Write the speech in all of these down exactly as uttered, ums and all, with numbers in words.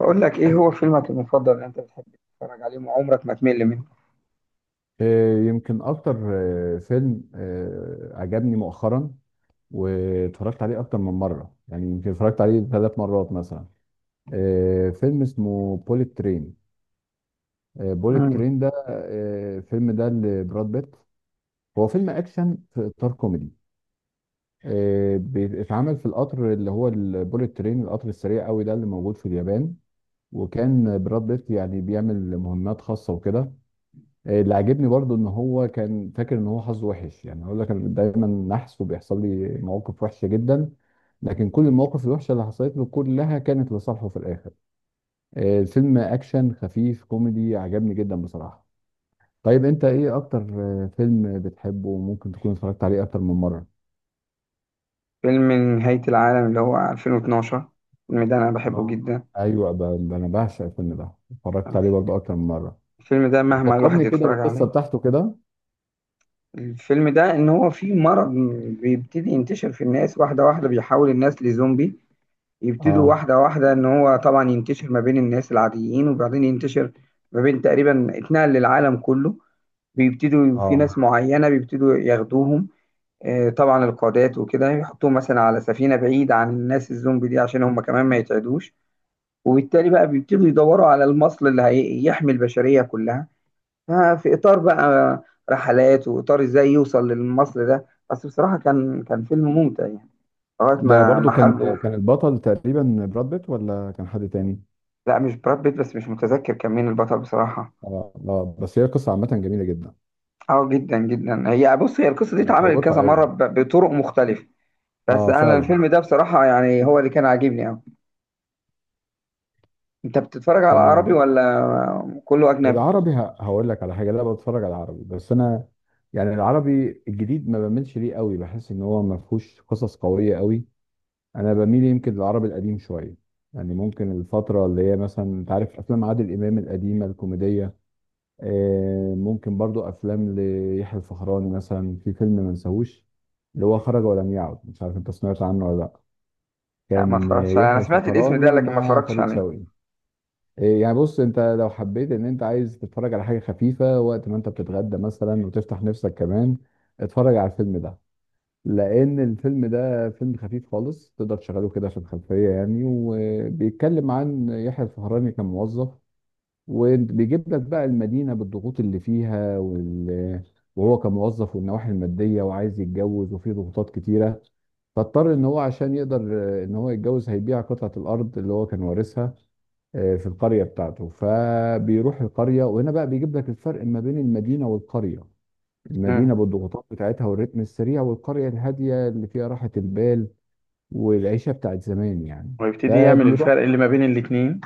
بقول لك ايه هو فيلمك المفضل اللي انت بتحب تتفرج عليه وعمرك ما تمل منه؟ آه، يمكن اكتر. آه، فيلم آه، عجبني مؤخرا، واتفرجت عليه اكتر من مره، يعني يمكن اتفرجت عليه ثلاث مرات مثلا. آه، فيلم اسمه بوليت ترين. بوليت مم. ترين ده، آه، الفيلم ده لبراد بيت. هو فيلم اكشن في اطار كوميدي. آه، بيتعمل في القطر اللي هو البوليت ترين، القطر السريع قوي ده اللي موجود في اليابان. وكان براد بيت يعني بيعمل مهمات خاصه وكده. آه، اللي عاجبني برضو ان هو كان فاكر ان هو حظه وحش، يعني هقول لك انا دايما نحس وبيحصل لي مواقف وحشه جدا. لكن كل المواقف الوحشه اللي حصلت له كلها كانت لصالحه في الاخر. آه، الفيلم اكشن خفيف كوميدي عجبني جدا بصراحه. طيب، انت ايه اكتر آه، فيلم بتحبه وممكن تكون اتفرجت عليه اكتر من مره؟ فيلم نهاية العالم اللي هو ألفين واتناشر. الفيلم ده انا بحبه اه، جدا. ايوه. ب- ب- انا بعشق الفيلم ده، اتفرجت عليه برضو اكتر من مره. الفيلم ده مهما الواحد فكرني كده يتفرج بالقصه عليه، بتاعته كده. الفيلم ده ان هو فيه مرض بيبتدي ينتشر في الناس واحدة واحدة، بيحول الناس لزومبي. يبتدوا اه، واحدة واحدة، ان هو طبعا ينتشر ما بين الناس العاديين، وبعدين ينتشر ما بين تقريبا، اتنقل للعالم كله. بيبتدوا في اه، ناس معينة بيبتدوا ياخدوهم، آه، طبعا القادات وكده يحطوهم مثلا على سفينة بعيدة عن الناس الزومبي دي، عشان هم كمان ما يتعدوش. وبالتالي بقى بيبتدوا يدوروا على المصل اللي هيحمي البشرية كلها. ففي إطار بقى رحلات، وإطار إزاي يوصل للمصل ده. بس بصراحة كان كان فيلم ممتع يعني، لغاية ده ما برضو محله. كان كان البطل تقريبا براد بيت ولا كان حد تاني؟ لا، مش براد بيت، بس مش متذكر كان مين البطل بصراحة. اه، اه، بس هي قصة عامة جميلة جدا. اه، جدا جدا. هي بص، هي القصة دي اتعملت مشوقة كذا مرة قوي. ب- بطرق مختلفة. بس اه، أنا فعلا. الفيلم ده بصراحة يعني هو اللي كان عاجبني أوي. انت بتتفرج على عربي تمام. ولا كله اجنبي؟ العربي، ه- هقول لك على حاجة، لا بتفرج على العربي، بس انا يعني العربي الجديد ما بميلش ليه قوي، بحس ان هو ما فيهوش قصص قوية قوي. انا بميل يمكن للعربي القديم شوية. يعني ممكن الفترة اللي هي مثلا، انت عارف افلام عادل امام القديمة الكوميدية. آه، ممكن برضو افلام ليحيى الفخراني، مثلا في فيلم ما نساهوش، اللي هو خرج ولم يعد، مش عارف انت سمعت عنه ولا لا. لا، ما كان آه، اتفرجش عليه. انا يحيى سمعت الاسم ده، الفخراني لكن ما مع اتفرجتش فريد عليه. شوقي. آه، يعني بص، انت لو حبيت ان انت عايز تتفرج على حاجه خفيفه وقت ما انت بتتغدى مثلا وتفتح نفسك كمان، اتفرج على الفيلم ده. لان الفيلم ده فيلم خفيف خالص، تقدر تشغله كده في الخلفيه يعني، وبيتكلم عن يحيى الفخراني كموظف. وبيجيب لك بقى المدينة بالضغوط اللي فيها وال... وهو كموظف، والنواحي المادية، وعايز يتجوز، وفي ضغوطات كتيرة. فاضطر ان هو عشان يقدر آه، ان هو يتجوز، هيبيع قطعة الارض اللي هو كان وارثها آه، في القرية بتاعته. فبيروح القرية، وهنا بقى بيجيب لك الفرق ما بين المدينة والقرية. امم المدينة بالضغوطات بتاعتها والريتم السريع، والقرية الهادية اللي فيها راحة البال والعيشة بتاعت زمان يعني. ويبتدي يعمل فبيروح، الفرق اللي ما بين الاتنين.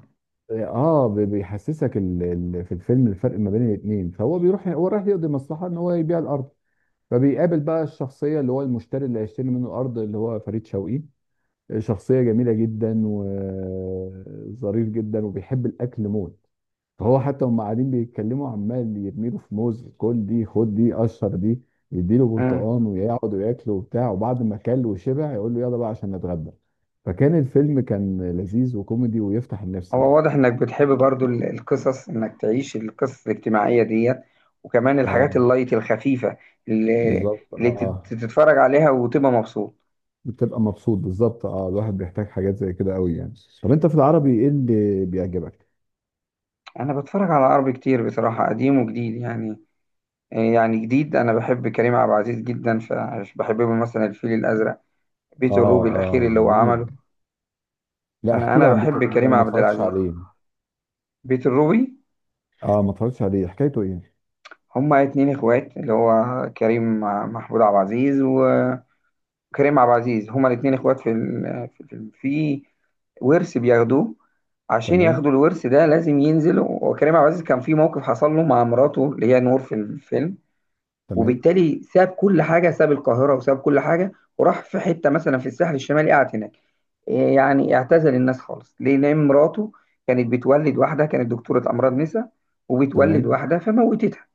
اه، بي- بيحسسك ال... ال... في الفيلم الفرق ما بين الاثنين. فهو بيروح، هو رايح يقضي مصلحه ان هو يبيع الارض. فبيقابل بقى الشخصيه اللي هو المشتري اللي هيشتري منه الارض، اللي هو فريد شوقي. شخصيه جميله جدا وظريف جدا وبيحب الاكل موت. فهو حتى هم قاعدين بيتكلموا، عمال يرميله في موز، كل دي، خد دي، قشر دي، يديله امم برتقان، ويقعدوا ياكلوا وبتاع. وبعد ما كل وشبع يقول له يلا بقى عشان نتغدى. فكان الفيلم، كان لذيذ وكوميدي ويفتح النفس هو يعني. واضح انك بتحب برضو ال- القصص، انك تعيش القصص الاجتماعية ديت، وكمان الحاجات اه. اللايت الخفيفة اللي بالظبط، اللي تت- اه. تتفرج عليها وتبقى مبسوط. بتبقى مبسوط بالظبط، اه، الواحد بيحتاج حاجات زي كده قوي يعني. طب انت في العربي ايه اللي بيعجبك؟ انا بتفرج على عربي كتير بصراحة، قديم وجديد يعني. آه، يعني جديد انا بحب كريم عبد العزيز جدا، فبحب له مثلا الفيل الازرق، اه، بيت الروبي الاخير اه، اللي هو جميل. عمله. لا، انا احكي لي انا عن بيت بحب الروبي ده، كريم انا ما عبد اتفرجتش العزيز. عليه. بيت الروبي: اه، ما اتفرجتش عليه، حكايته ايه؟ هما اتنين اخوات، اللي هو كريم مع محمود عبد العزيز، وكريم عبد العزيز هما الاتنين اخوات في ال- في في- في ورث بياخدوه. عشان تمام، ياخدوا الورث ده لازم ينزلوا، وكريم عبد العزيز كان في موقف حصل له مع مراته اللي هي نور في الفيلم. تمام، وبالتالي ساب كل حاجه، ساب القاهره وساب كل حاجه، وراح في حته مثلا في الساحل الشمالي، قعد هناك. إيه يعني، اعتزل الناس خالص. ليه؟ لان مراته كانت بتولد واحده، كانت دكتوره امراض نساء، وبتولد تمام. واحده فموتتها.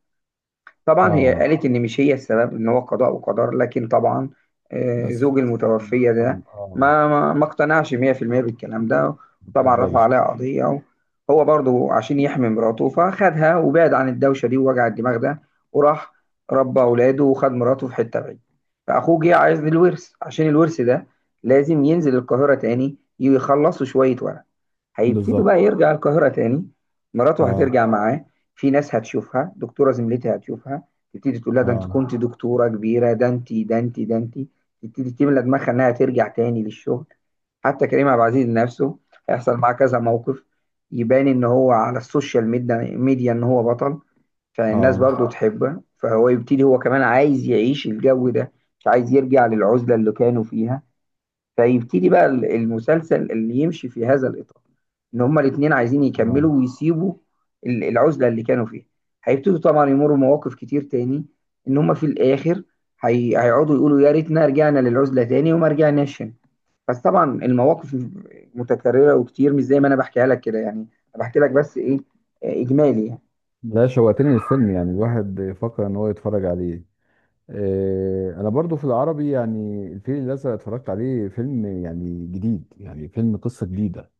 طبعا هي اه، قالت ان مش هي السبب، ان هو قضاء وقدر، لكن طبعا آه، بس في زوج ناس، ما، المتوفية اه، ده اه، ما ما ما اقتنعش مية في المية بالكلام ده. ما طبعا رفع بتقبلش. عليها قضية. هو برضو عشان يحمي مراته فخدها وبعد عن الدوشة دي ووجع الدماغ ده، وراح ربى اولاده، وخد مراته في حتة بعيدة. فاخوه جه عايز الورث، عشان الورث ده لازم ينزل القاهرة تاني يخلصوا شوية ورق. هيبتدوا بالظبط، بقى يرجع القاهرة تاني. مراته اه، هترجع معاه. في ناس هتشوفها، دكتوره زميلتي هتشوفها، تبتدي تقول لها: ده انت اه، كنت دكتوره كبيره، ده انت، ده انت، ده انت. تبتدي تملى دماغها انها ترجع تاني للشغل. حتى كريم عبد العزيز نفسه هيحصل معاه كذا موقف، يبان ان هو على السوشيال ميديا ميديا ان هو بطل. فالناس اه، برضو تحبه، فهو يبتدي هو كمان عايز يعيش الجو ده، مش عايز يرجع للعزله اللي كانوا فيها. فيبتدي بقى ال- المسلسل اللي يمشي في هذا الإطار، إن هما الاتنين عايزين اه. يكملوا ويسيبوا ال- العزلة اللي كانوا فيها. هيبتدوا طبعا يمروا مواقف كتير تاني، إن هما في الآخر هي... هيقعدوا يقولوا: يا ريتنا رجعنا للعزلة تاني وما رجعناش هنا. بس طبعا المواقف متكررة وكتير، مش زي ما أنا بحكيها لك كده يعني. أنا بحكي لك بس إيه، آه، إجمالي يعني. لا، شوقتني الفيلم، يعني الواحد يفكر ان هو يتفرج عليه. آه، انا برضو في العربي يعني الفيل الازرق اتفرجت عليه، فيلم يعني جديد، يعني فيلم قصه جديده.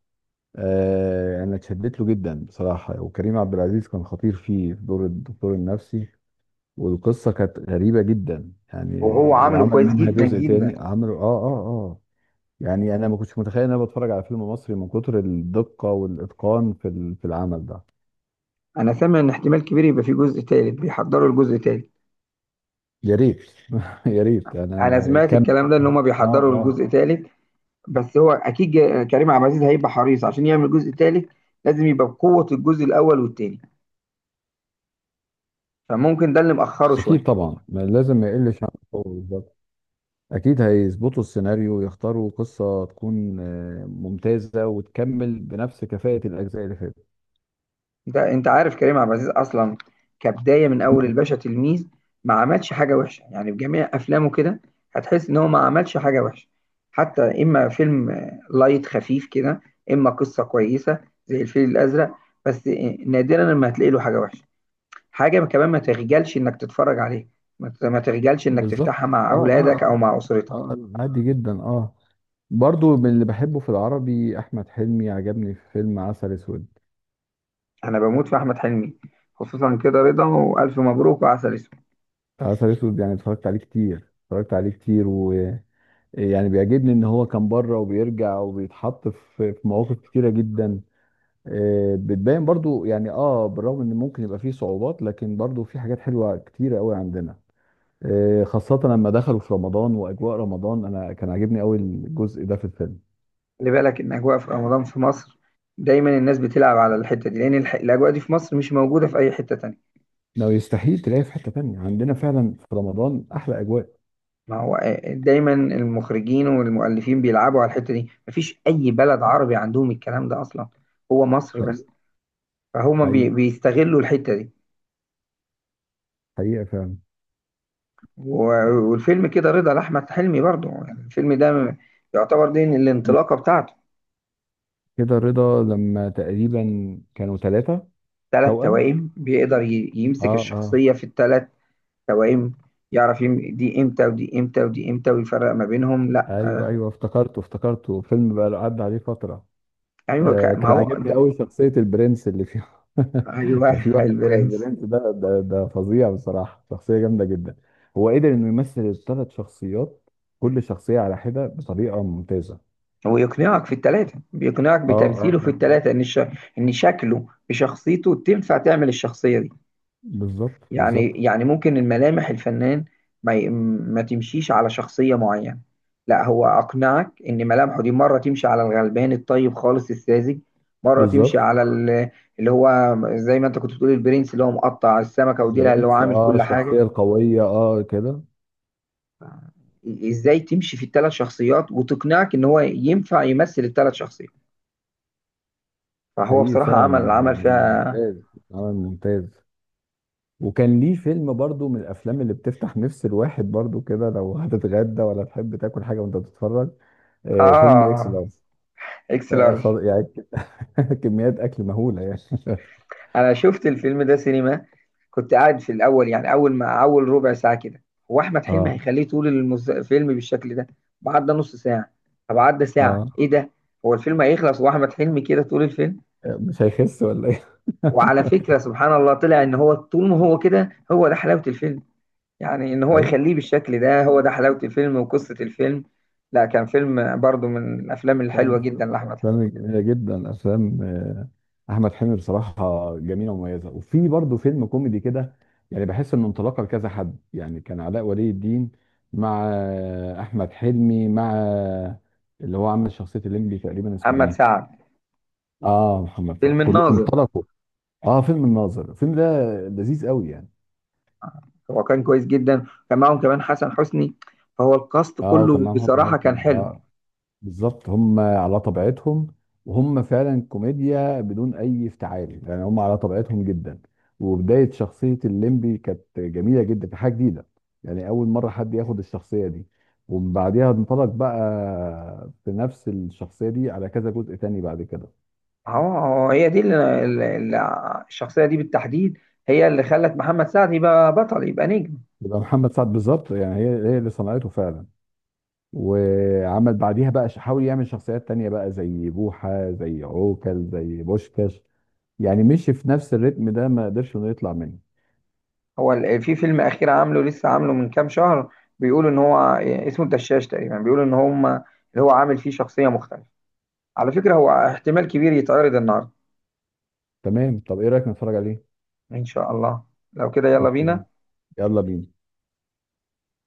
آه، انا اتشدت له جدا بصراحه. وكريم عبد العزيز كان خطير فيه في دور الدكتور النفسي. والقصه كانت غريبه جدا يعني. وهو عامله وعمل كويس منها جدا جزء جدا. تاني عمله، اه، اه، اه. يعني انا ما كنتش متخيل ان انا بتفرج على فيلم مصري، من كتر الدقه والاتقان في ال- في العمل ده. أنا سامع إن احتمال كبير يبقى في جزء تالت، بيحضروا الجزء التالت. يا ريت. يا ريت انا أنا ما- سمعت كمل. الكلام ده، إن هما اه، بيحضروا اه. الجزء التالت. بس هو اكيد، جا- كريم عبد العزيز هيبقى حريص عشان يعمل جزء تالت، لازم يبقى بقوة الجزء الاول والتاني. فممكن ده اللي مأخره اكيد شوية. طبعا، ما لازم ما يقلش عن. أكيد هيظبطوا السيناريو ويختاروا قصة تكون آه، ممتازة وتكمل بنفس كفاءة الأجزاء اللي فاتت. انت انت عارف كريم عبد العزيز اصلا، كبداية من اول الباشا تلميذ، ما عملش حاجة وحشة يعني. بجميع افلامه كده هتحس ان هو ما عملش حاجة وحشة. حتى اما فيلم آه، لايت خفيف كده، اما قصة كويسة زي الفيل الازرق. بس آه، نادرا لما هتلاقي له حاجة وحشة. حاجة كمان، ما تخجلش انك تتفرج عليه، ما ت- ما تخجلش انك بالظبط. تفتحها مع آه، آه، اولادك او مع آه، اسرتك. آه، عادي جدا، آه. برضو من اللي بحبه في العربي أحمد حلمي، عجبني في فيلم عسل أسود. انا بموت في احمد حلمي، خصوصا كده رضا، والف مبروك، وعسل اسود. عسل أسود يعني اتفرجت عليه كتير، اتفرجت عليه كتير، ويعني بيعجبني إن هو كان بره وبيرجع وبيتحط في في مواقف كتيرة جدا. آه، بتبان برضو يعني، آه، بالرغم إن ممكن يبقى فيه صعوبات، لكن برضو في حاجات حلوة كتيرة قوي عندنا. آه، خاصة لما دخلوا في رمضان وأجواء رمضان، أنا كان عاجبني أوي الجزء ده في الفيلم. خلي بالك ان اجواء في رمضان في مصر، دايما الناس بتلعب على الحته دي، لان الح... الاجواء دي في مصر مش موجوده في اي حته تانية. لو يستحيل تلاقيه في حتة تانية، عندنا فعلا في رمضان أحلى أجواء. ما هو آه، دايما المخرجين والمؤلفين بيلعبوا على الحته دي. مفيش اي بلد عربي عندهم الكلام ده اصلا، هو مصر حقيقة. بس. فهما بي... حقيقة. بيستغلوا الحته دي. حقيقة فعلا. و... والفيلم كده رضا لاحمد حلمي برضه، يعني الفيلم ده م- يعتبر دي الانطلاقه بتاعته. كده رضا لما تقريبا كانوا ثلاثة. ثلاث توأم. توائم بيقدر ي... اه، يمسك اه، الشخصيه في الثلاث توائم. يعرف يم- دي امتى ودي امتى ودي امتى، ويفرق ما بينهم، لا. ايوه، ايوه، افتكرته، افتكرته فيلم، بقى له عدى عليه فترة. ايوه، آه، ك- ما كان هو عاجبني ده. قوي شخصية البرنس اللي فيه. ايوه كان في واحد كده البرنس. البرنس ده ده ده فظيع بصراحة، شخصية جامدة جدا. هو قدر انه يمثل الثلاث شخصيات، كل شخصية على حدة بطريقة ممتازة. هو يقنعك في الثلاثه، بيقنعك اه، اه، بتمثيله اه، في آه. الثلاثه ان الش... ان شكله بشخصيته تنفع تعمل الشخصيه دي. بالظبط، يعني بالظبط، يعني ممكن الملامح، الفنان ما ي- ما تمشيش على شخصية معينة. لا، هو أقنعك إن ملامحه دي مرة تمشي على الغلبان الطيب خالص الساذج، مرة تمشي بالظبط. على ال- اللي هو زي ما أنت كنت بتقول، البرنس اللي هو مقطع السمكة وديلها، اللي هو البرنس، عامل اه، كل حاجة. الشخصية القوية، اه، كده. إزاي تمشي في الثلاث شخصيات، وتقنعك إن هو ينفع يمثل الثلاث شخصيات. فهو حقيقي بصراحة فعلا، عمل آه، عمل فيها. ممتاز. عمل ممتاز. وكان ليه فيلم برضو من الافلام اللي بتفتح نفس الواحد برضو كده، لو هتتغدى ولا تحب تاكل حاجة وانت بتتفرج، آه، فيلم اكس آه، لارج. إكس آه، لارج. خض- يعني كميات اكل مهوله يعني أنا شفت الفيلم ده سينما. كنت قاعد في الاول، يعني اول ما، اول ربع ساعه كده، هو احمد حلمي اه، هيخليه طول المز... الفيلم بالشكل ده؟ طب عدى نص ساعه، طب عدى ساعه، اه، ايه ده؟ هو الفيلم هيخلص واحمد حلمي كده طول الفيلم؟ مش هيخس ولا ايه؟ وعلى فكره، سبحان الله، طلع ان هو طول ما هو كده، هو ده حلاوه الفيلم. يعني ان هو اي. يخليه بالشكل ده، هو ده حلاوه الفيلم وقصه الفيلم. لا، كان فيلم برضو من الافلام كان الحلوه في جدا لاحمد حلمي. افلام جميله جدا، افلام آه، احمد حلمي بصراحه، جميله ومميزه، وفي برضه فيلم كوميدي كده. يعني بحس انه انطلاقه لكذا حد، يعني كان علاء ولي الدين مع آه، احمد حلمي مع آه، اللي هو عامل شخصيه الليمبي، تقريبا اسمه محمد ايه. سعد. اه، محمد فؤاد، فيلم كله الناظر. انطلقوا. اه، فيلم الناظر، الفيلم ده لذيذ قوي يعني. هو كان كويس جدا، كان معاهم كمان حسن حسني، فهو الكاست اه، وكان كله معاهم حسن بصراحه كان حسني، حلو. اه، بالظبط. هم على طبيعتهم، وهم فعلا كوميديا بدون اي افتعال، يعني هم على طبيعتهم جدا. وبدايه شخصيه الليمبي كانت جميله جدا، كانت حاجه جديده. يعني اول مره حد ياخد الشخصيه دي. ومن بعديها انطلق بقى بنفس الشخصيه دي على كذا جزء تاني بعد كده. هو هو هي دي اللي اللي- اللي- الشخصية دي بالتحديد، هي اللي خلت محمد سعد يبقى بطل، يبقى نجم. يبقى محمد سعد، بالظبط، يعني هي هي اللي صنعته فعلا. وعمل بعديها بقى، حاول يعمل شخصيات تانية بقى زي بوحة، زي عوكل، زي بوشكاش. يعني مشي في نفس الريتم ده، ما قدرش انه يطلع منه. هو ال- في فيلم أخير عامله لسه، عامله من كام شهر، بيقولوا إن هو اسمه الدشاش تقريبا، بيقولوا إن هم اللي هو عامل فيه شخصية مختلفة. على فكرة، هو احتمال كبير يتعرض النهاردة. تمام، طب ايه رايك نتفرج عليه؟ إن شاء الله. لو كده يلا اوكي. بينا. يلا بينا.